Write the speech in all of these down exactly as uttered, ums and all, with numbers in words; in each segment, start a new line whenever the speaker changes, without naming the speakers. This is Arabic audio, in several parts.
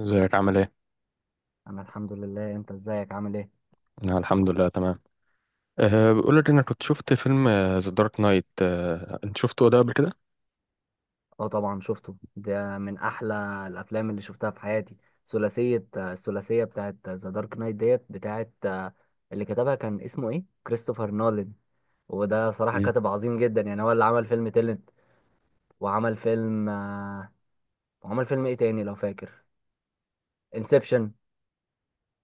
ازيك عامل ايه؟
انا الحمد لله. انت ازيك عامل ايه؟
انا الحمد لله تمام. أه بقول لك انا كنت شفت فيلم ذا دارك نايت. أه انت شفته ده قبل كده؟
اه طبعا شفته، ده من احلى الافلام اللي شفتها في حياتي. ثلاثيه الثلاثيه بتاعت ذا دارك نايت ديت، بتاعت اللي كتبها كان اسمه ايه، كريستوفر نولان. وده صراحه
مم.
كاتب عظيم جدا، يعني هو اللي عمل فيلم تيلنت، وعمل فيلم آه، وعمل فيلم ايه تاني لو فاكر، انسبشن.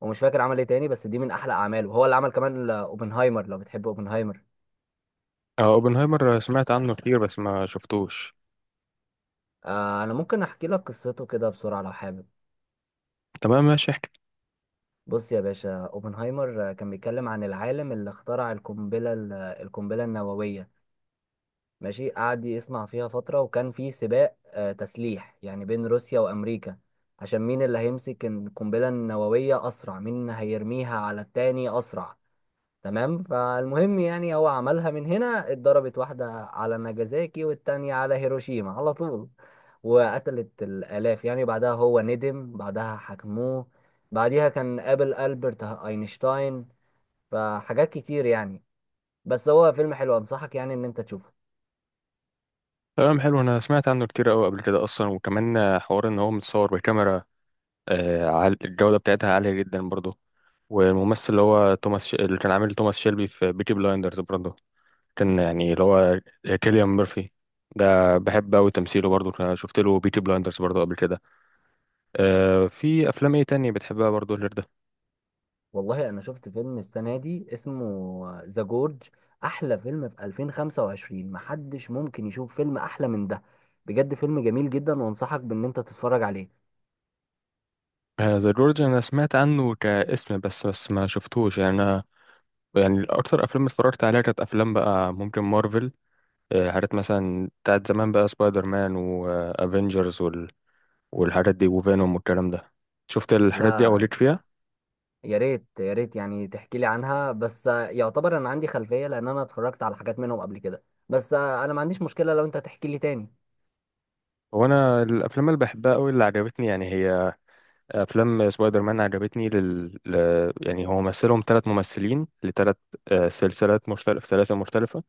ومش فاكر عمل ايه تاني، بس دي من احلى اعماله، وهو اللي عمل كمان آه، اوبنهايمر. لو بتحب اوبنهايمر،
اه اوبنهايمر، آه، سمعت عنه كتير بس ما شفتوش.
آه، انا ممكن احكي لك قصته كده بسرعه لو حابب.
تمام ماشي احكي.
بص يا باشا، اوبنهايمر كان بيتكلم عن العالم اللي اخترع القنبلة ال- القنبلة النووية. ماشي، قعد يصنع فيها فترة، وكان في سباق آه، تسليح يعني، بين روسيا وأمريكا، عشان مين اللي هيمسك القنبلة النووية أسرع، مين هيرميها على التاني أسرع. تمام، فالمهم يعني هو عملها، من هنا اتضربت واحدة على ناجازاكي والتانية على هيروشيما على طول، وقتلت الآلاف. يعني بعدها هو ندم، بعدها حكموه، بعديها كان قابل ألبرت أينشتاين، فحاجات كتير يعني. بس هو فيلم حلو، أنصحك يعني إن أنت تشوفه.
تمام حلو، انا سمعت عنه كتير قوي قبل كده اصلا، وكمان آه، حوار ان هو متصور بكاميرا. أه عال- الجودة بتاعتها عالية جدا برضه. والممثل اللي هو توماس ش... اللي كان عامل توماس شيلبي في بيكي بلايندرز برضه، كان يعني اللي هو كيليان ميرفي. ده بحب قوي تمثيله برضه، شفت له بيكي بلايندرز برضه قبل كده. آه، في افلام ايه تانية بتحبها برضو غير ده؟
والله أنا شفت فيلم السنة دي اسمه ذا جورج، أحلى فيلم في ألفين وخمسة وعشرين، محدش ممكن يشوف فيلم أحلى من ده. بجد فيلم جميل جدا، وأنصحك بإن أنت تتفرج عليه.
ذا جورج، انا سمعت عنه كاسم بس، بس ما شفتوش يعني. انا يعني اكتر افلام اتفرجت عليها كانت افلام بقى ممكن مارفل، آه، حاجات مثلا بتاعت زمان بقى، سبايدر مان وافنجرز وال... والحاجات دي وفينوم والكلام ده. شفت الحاجات دي او
لا.
ليك فيها؟
يا ريت، يا ريت يعني تحكي لي عنها، بس آه، يعتبر انا عندي خلفية، لان انا اتفرجت على حاجات منهم قبل كده، بس آه، انا ما عنديش مشكلة لو انت تحكي لي تاني.
هو انا الافلام اللي بحبها قوي اللي عجبتني يعني هي افلام سبايدر مان، عجبتني لل... ل... يعني هو مثلهم ثلاث ممثلين لثلاث سلسلات، مختلف سلاسل مختلفة.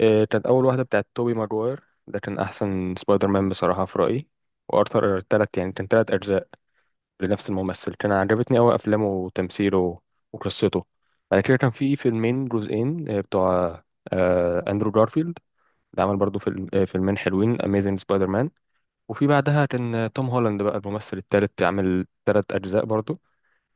آه، كانت أول واحدة بتاعت توبي ماجواير، ده كان أحسن سبايدر مان بصراحة في رأيي. وأرثر تلات يعني، كان تلات أجزاء لنفس الممثل، كان عجبتني أوي أفلامه وتمثيله وقصته. بعد كده كان في فيلمين جزئين آه، بتوع آه، أندرو جارفيلد، ده عمل برضه فيلم آه، فيلمين حلوين، أميزنج سبايدر مان. وفي بعدها كان آه، توم هولاند بقى الممثل التالت، عامل تلات أجزاء برضه،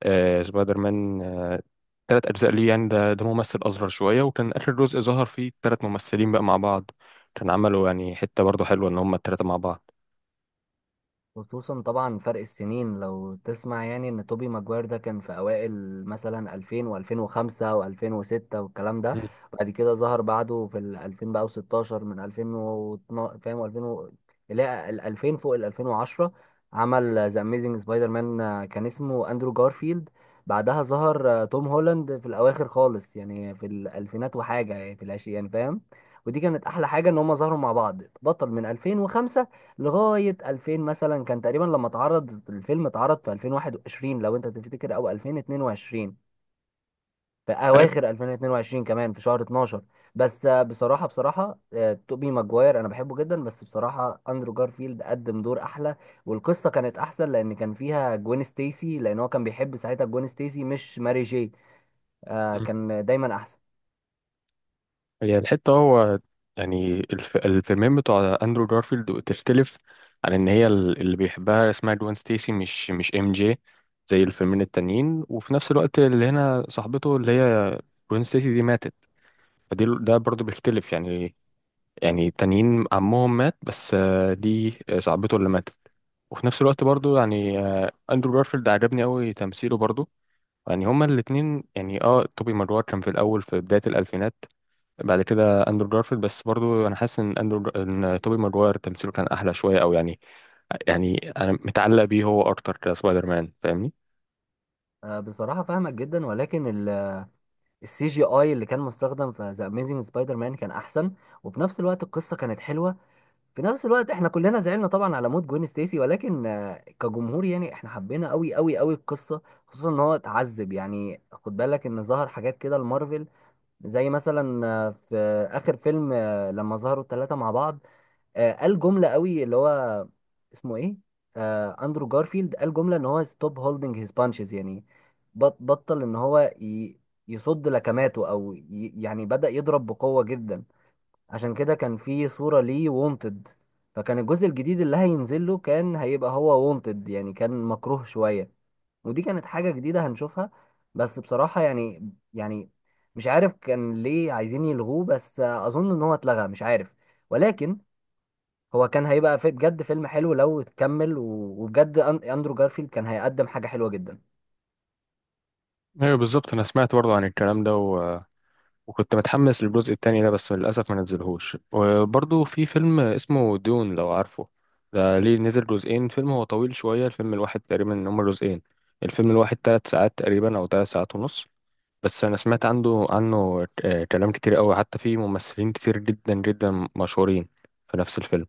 آه، سبايدر مان. آه، تلات أجزاء ليه يعني، ده ده ممثل أصغر شوية. وكان آخر جزء ظهر فيه تلات ممثلين بقى مع بعض، كان عملوا يعني حتة برضه حلوة إن هما التلاتة مع بعض.
خصوصا طبعا فرق السنين لو تسمع، يعني ان توبي ماجواير ده كان في اوائل مثلا ألفين و2005 و2006 والكلام ده.
مم.
بعد كده ظهر بعده في ال ألفين بقى، و16 من ألفين واثناشر، فاهم؟ ألفين و... لا، ال ألفين فوق، ال ألفين وعشرة عمل ذا اميزنج سبايدر مان، آه، كان اسمه اندرو جارفيلد. بعدها ظهر آه، توم هولاند في الاواخر خالص، يعني في الالفينات وحاجه، يعني في العشرين يعني، فاهم؟ ودي كانت احلى حاجه، ان هم ظهروا مع بعض. بطل من ألفين وخمسة لغاية ألفين مثلا كان تقريبا، لما اتعرض الفيلم، اتعرض في ألفين وواحد وعشرين لو انت تفتكر، او ألفين واتنين وعشرين، في
أه،
اواخر ألفين واتنين وعشرين، كمان في شهر اتناشر. بس آه، بصراحة، بصراحة آه، توبي ماجواير انا بحبه جدا، بس بصراحة اندرو جارفيلد قدم دور احلى، والقصة كانت احسن، لان كان فيها جوين ستيسي، لان هو كان بيحب ساعتها جوين ستيسي مش ماري جي. آه،
مم.
كان دايما احسن.
هي الحتة هو يعني الف- الفيلمين بتوع أندرو جارفيلد تختلف عن إن هي ال- اللي بيحبها اسمها جوان ستيسي، مش مش إم جي زي الفيلمين التانيين. وفي نفس الوقت اللي هنا صاحبته اللي هي جوان ستيسي دي ماتت، فدي ده برضه بيختلف يعني. يعني التانيين عمهم مات، بس آه، دي آه، صاحبته اللي ماتت. وفي نفس الوقت برضو يعني آه، اندرو جارفيلد عجبني قوي تمثيله برضو. يعني هما الاتنين يعني، اه توبي ماجوار كان في الاول في بداية الالفينات، بعد كده اندرو جارفيلد. بس برضو انا حاسس ان اندرو ان توبي ماجوار تمثيله كان احلى شوية، او يعني يعني انا متعلق بيه هو اكتر كسبايدر مان، فاهمني؟
آه، بصراحة فاهمك جدا، ولكن السي جي اي اللي كان مستخدم في ذا اميزنج سبايدر مان كان احسن، وفي نفس الوقت القصة كانت حلوة. في نفس الوقت احنا كلنا زعلنا طبعا على موت جوين ستيسي، ولكن آه، كجمهور يعني احنا حبينا قوي قوي قوي القصه، خصوصا ان هو اتعذب. يعني خد بالك ان ظهر حاجات كده لمارفل، زي مثلا آه، في اخر فيلم آه، لما ظهروا الثلاثه مع بعض، آه، قال جمله قوي اللي هو اسمه ايه، آه، اندرو جارفيلد قال جمله ان هو ستوب هولدنج هيز بانشز، يعني بط- بطل ان هو ي- يصد لكماته، او ي- يعني بدأ يضرب بقوه جدا. عشان كده كان في صورة ليه وونتد، فكان الجزء الجديد اللي هينزل له كان هيبقى هو وونتد، يعني كان مكروه شوية. ودي كانت حاجة جديدة هنشوفها. بس بصراحة يعني، يعني مش عارف كان ليه عايزين يلغوه، بس أظن إن هو اتلغى، مش عارف. ولكن هو كان هيبقى في بجد فيلم حلو لو اتكمل، و- وبجد أن- أندرو جارفيلد كان هيقدم حاجة حلوة جدا.
ايوه بالظبط، انا سمعت برضو عن الكلام ده وكنت متحمس للجزء التاني ده بس للأسف ما نزلهوش. وبرضه في فيلم اسمه دون، لو عارفه، ده ليه نزل جزئين، فيلم هو طويل شوية. الفيلم الواحد تقريبا إن هما جزئين، الفيلم الواحد تلات ساعات تقريبا أو تلات ساعات ونص. بس أنا سمعت عنده عنه آه، كلام كتير أوي، حتى في ممثلين كتير جدا جدا مشهورين في نفس الفيلم.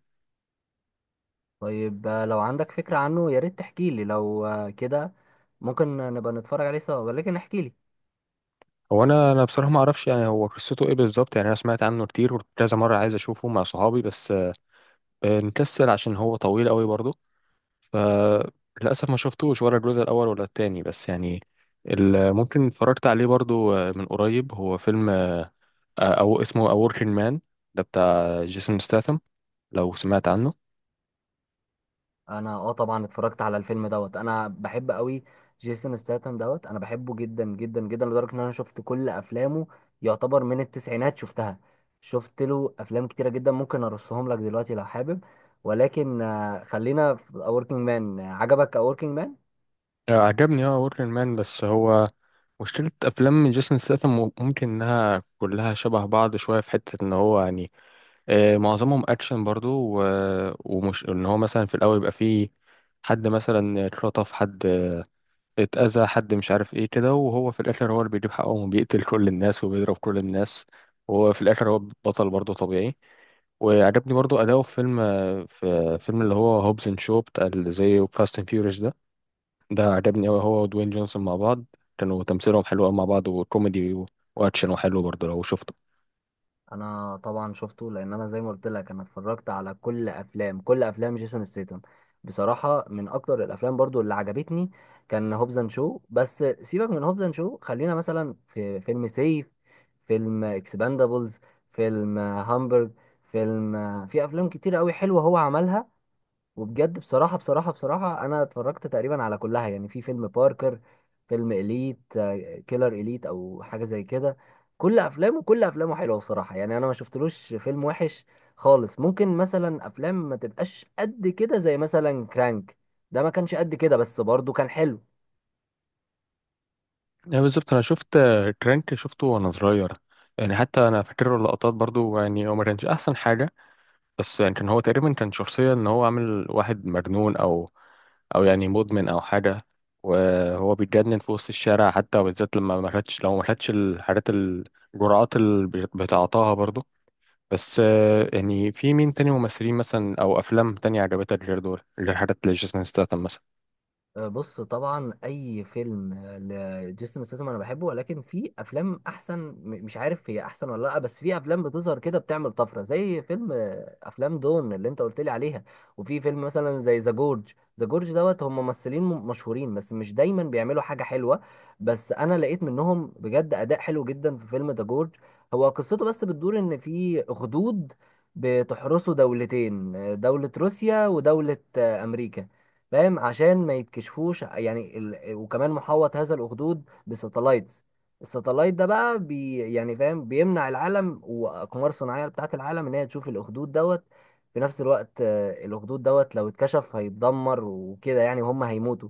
طيب، آه، لو عندك فكرة عنه يا ريت تحكي لي، لو آه، كده ممكن نبقى نتفرج عليه سوا، ولكن احكي لي.
هو أنا أنا بصراحة ما أعرفش يعني هو قصته إيه بالظبط يعني. أنا سمعت عنه كتير وكذا مرة عايز أشوفه مع صحابي، بس آه، نكسل عشان هو طويل أوي برضه. فللأسف ما شفتوش ولا الجزء الأول ولا التاني، بس يعني ال- ممكن اتفرجت عليه برضو آه، من قريب، هو فيلم آه، أو اسمه A Working Man، ده بتاع جيسون ستاثام، لو سمعت عنه.
انا اه طبعا اتفرجت على الفيلم دوت. انا بحب قوي جيسون ستاثام دوت، انا بحبه جدا جدا جدا لدرجه ان انا شفت كل افلامه، يعتبر من التسعينات شفتها. شفت له افلام كتيره جدا، ممكن ارصهم لك دلوقتي لو حابب، ولكن آه، خلينا في اوركينج مان. عجبك اوركينج مان؟
آه، عجبني اه A Working Man، بس هو مشكلة أفلام جيسون ستاثام ممكن إنها كلها شبه بعض شوية، في حتة إن هو يعني آه، معظمهم أكشن برضو. و- ومش إن هو مثلا في الأول يبقى فيه حد مثلا اتخطف، حد اتأذى حد مش عارف ايه كده، وهو في الاخر هو اللي بيجيب حقه وبيقتل كل الناس وبيضرب كل الناس. وهو في الاخر هو بطل برضه طبيعي. وعجبني برضه أداؤه في فيلم في فيلم اللي هو هوبز اند شو، بتاع اللي زي فاست اند فيوريوس ده. ده عجبني أوي هو ودوين جونسون مع بعض، كانوا تمثيلهم حلو أوي مع بعض، وكوميدي و- وأكشن وحلو برضه لو شفته.
انا طبعا شفته، لان انا زي ما قلت لك انا اتفرجت على كل افلام، كل افلام جيسون ستيتم. بصراحه من اكتر الافلام برضو اللي عجبتني كان هوبز اند شو، بس سيبك من هوبز اند شو، خلينا مثلا في فيلم سيف، فيلم اكسباندابلز، فيلم هامبرج، فيلم، في افلام كتير قوي حلوه هو عملها. وبجد بصراحة، بصراحة، بصراحة أنا اتفرجت تقريبا على كلها. يعني في فيلم باركر، فيلم إليت آه، كيلر إليت أو حاجة زي كده. كل أفلامه، كل أفلامه حلوة بصراحة، يعني أنا ما شفتلوش فيلم وحش خالص. ممكن مثلا أفلام ما تبقاش قد كده زي مثلا كرانك، ده ما كانش قد كده، بس برضه كان حلو.
يعني بالظبط أنا شفت كرانك، شفته وأنا صغير. يعني حتى أنا فاكر له اللقطات برضه، يعني هو ما كانش أحسن حاجة. بس يعني كان هو تقريبا كان شخصية إن هو عامل واحد مجنون، أو او يعني مدمن او حاجه. وهو بيتجنن في وسط الشارع حتى، وبالذات لما ما خدش لو ما خدش الحاجات ال- الجرعات اللي بت- بتعطاها برضه. بس آه، يعني في مين تاني ممثلين مثلا او افلام تانية عجبتك غير دول، غير حاجات لجيسون ستاثام مثلا؟
آه، بص طبعا اي فيلم آه، لجيسون ستاثام انا بحبه، ولكن في افلام احسن، م- مش عارف هي احسن ولا لا، بس في افلام بتظهر كده بتعمل طفره، زي فيلم آه، افلام دون اللي انت قلت لي عليها، وفي فيلم مثلا زي ذا جورج. ذا جورج دوت، هم ممثلين م- مشهورين بس مش دايما بيعملوا حاجه حلوه، بس انا لقيت منهم بجد اداء حلو جدا في فيلم ذا جورج. هو قصته بس بتدور ان في اخدود بتحرسوا دولتين، آه، دولة روسيا ودولة آه، أمريكا، فاهم؟ عشان ما يتكشفوش يعني ال... وكمان محوط هذا الأخدود بساتلايتس. الساتلايت ده بقى بي... يعني فاهم، بيمنع العالم وأقمار صناعية بتاعة العالم إن هي تشوف الأخدود دوت. في نفس الوقت آه، الأخدود دوت لو اتكشف هيتدمر وكده، يعني وهم هيموتوا.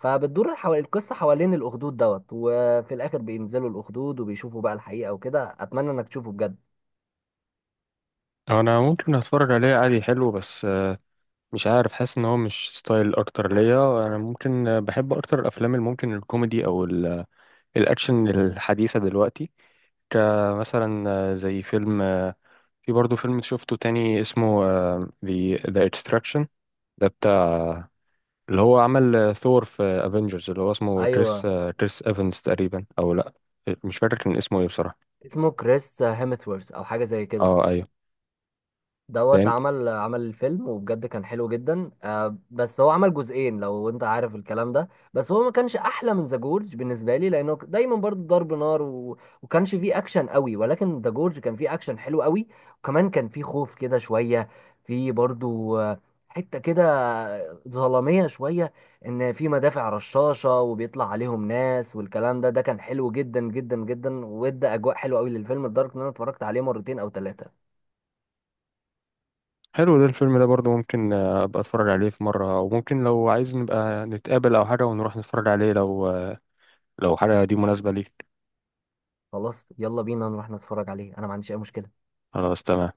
فبتدور حو... القصة حوالين الأخدود دوت، وفي الآخر بينزلوا الأخدود وبيشوفوا بقى الحقيقة وكده. أتمنى إنك تشوفه بجد.
انا ممكن اتفرج عليه عادي، حلو، بس آه، مش عارف، حاسس ان هو مش ستايل اكتر ليا. انا ممكن آه، بحب اكتر الافلام اللي ممكن الكوميدي او ال- الاكشن الحديثه دلوقتي، كمثلا آه، زي فيلم. في برضه فيلم شفته تاني اسمه آه، The The Extraction، ده بتاع اللي هو عمل آه، ثور في افنجرز، اللي هو اسمه كريس
أيوه.
آه، كريس ايفنز تقريبا او لا، مش فاكر كان اسمه ايه بصراحة.
اسمه كريس هيمثورث أو حاجة زي كده.
اه ايوه.
دوت
ده
عمل عمل الفيلم، وبجد كان حلو جدا، آه، بس هو عمل جزئين لو انت عارف الكلام ده. بس هو ما كانش احلى من ذا جورج بالنسبه لي، لانه ك- دايما برضه ضرب نار و... وكانش فيه اكشن قوي، ولكن ذا جورج كان فيه اكشن حلو قوي، وكمان كان فيه خوف كده شويه، فيه برضه آه، حته كده ظلاميه شويه، ان في مدافع رشاشه وبيطلع عليهم ناس والكلام ده. ده كان حلو جدا جدا جدا، وادى اجواء حلوه قوي للفيلم لدرجه ان انا اتفرجت عليه مرتين او ثلاثه.
حلو، ده الفيلم ده برضه ممكن آه، ابقى اتفرج عليه في مرة، او ممكن لو عايز نبقى نتقابل او حاجة ونروح نتفرج عليه، لو آه، لو حاجة دي مناسبة ليك.
خلاص، يلا بينا نروح نتفرج عليه، انا ما عنديش اي مشكلة.
خلاص تمام.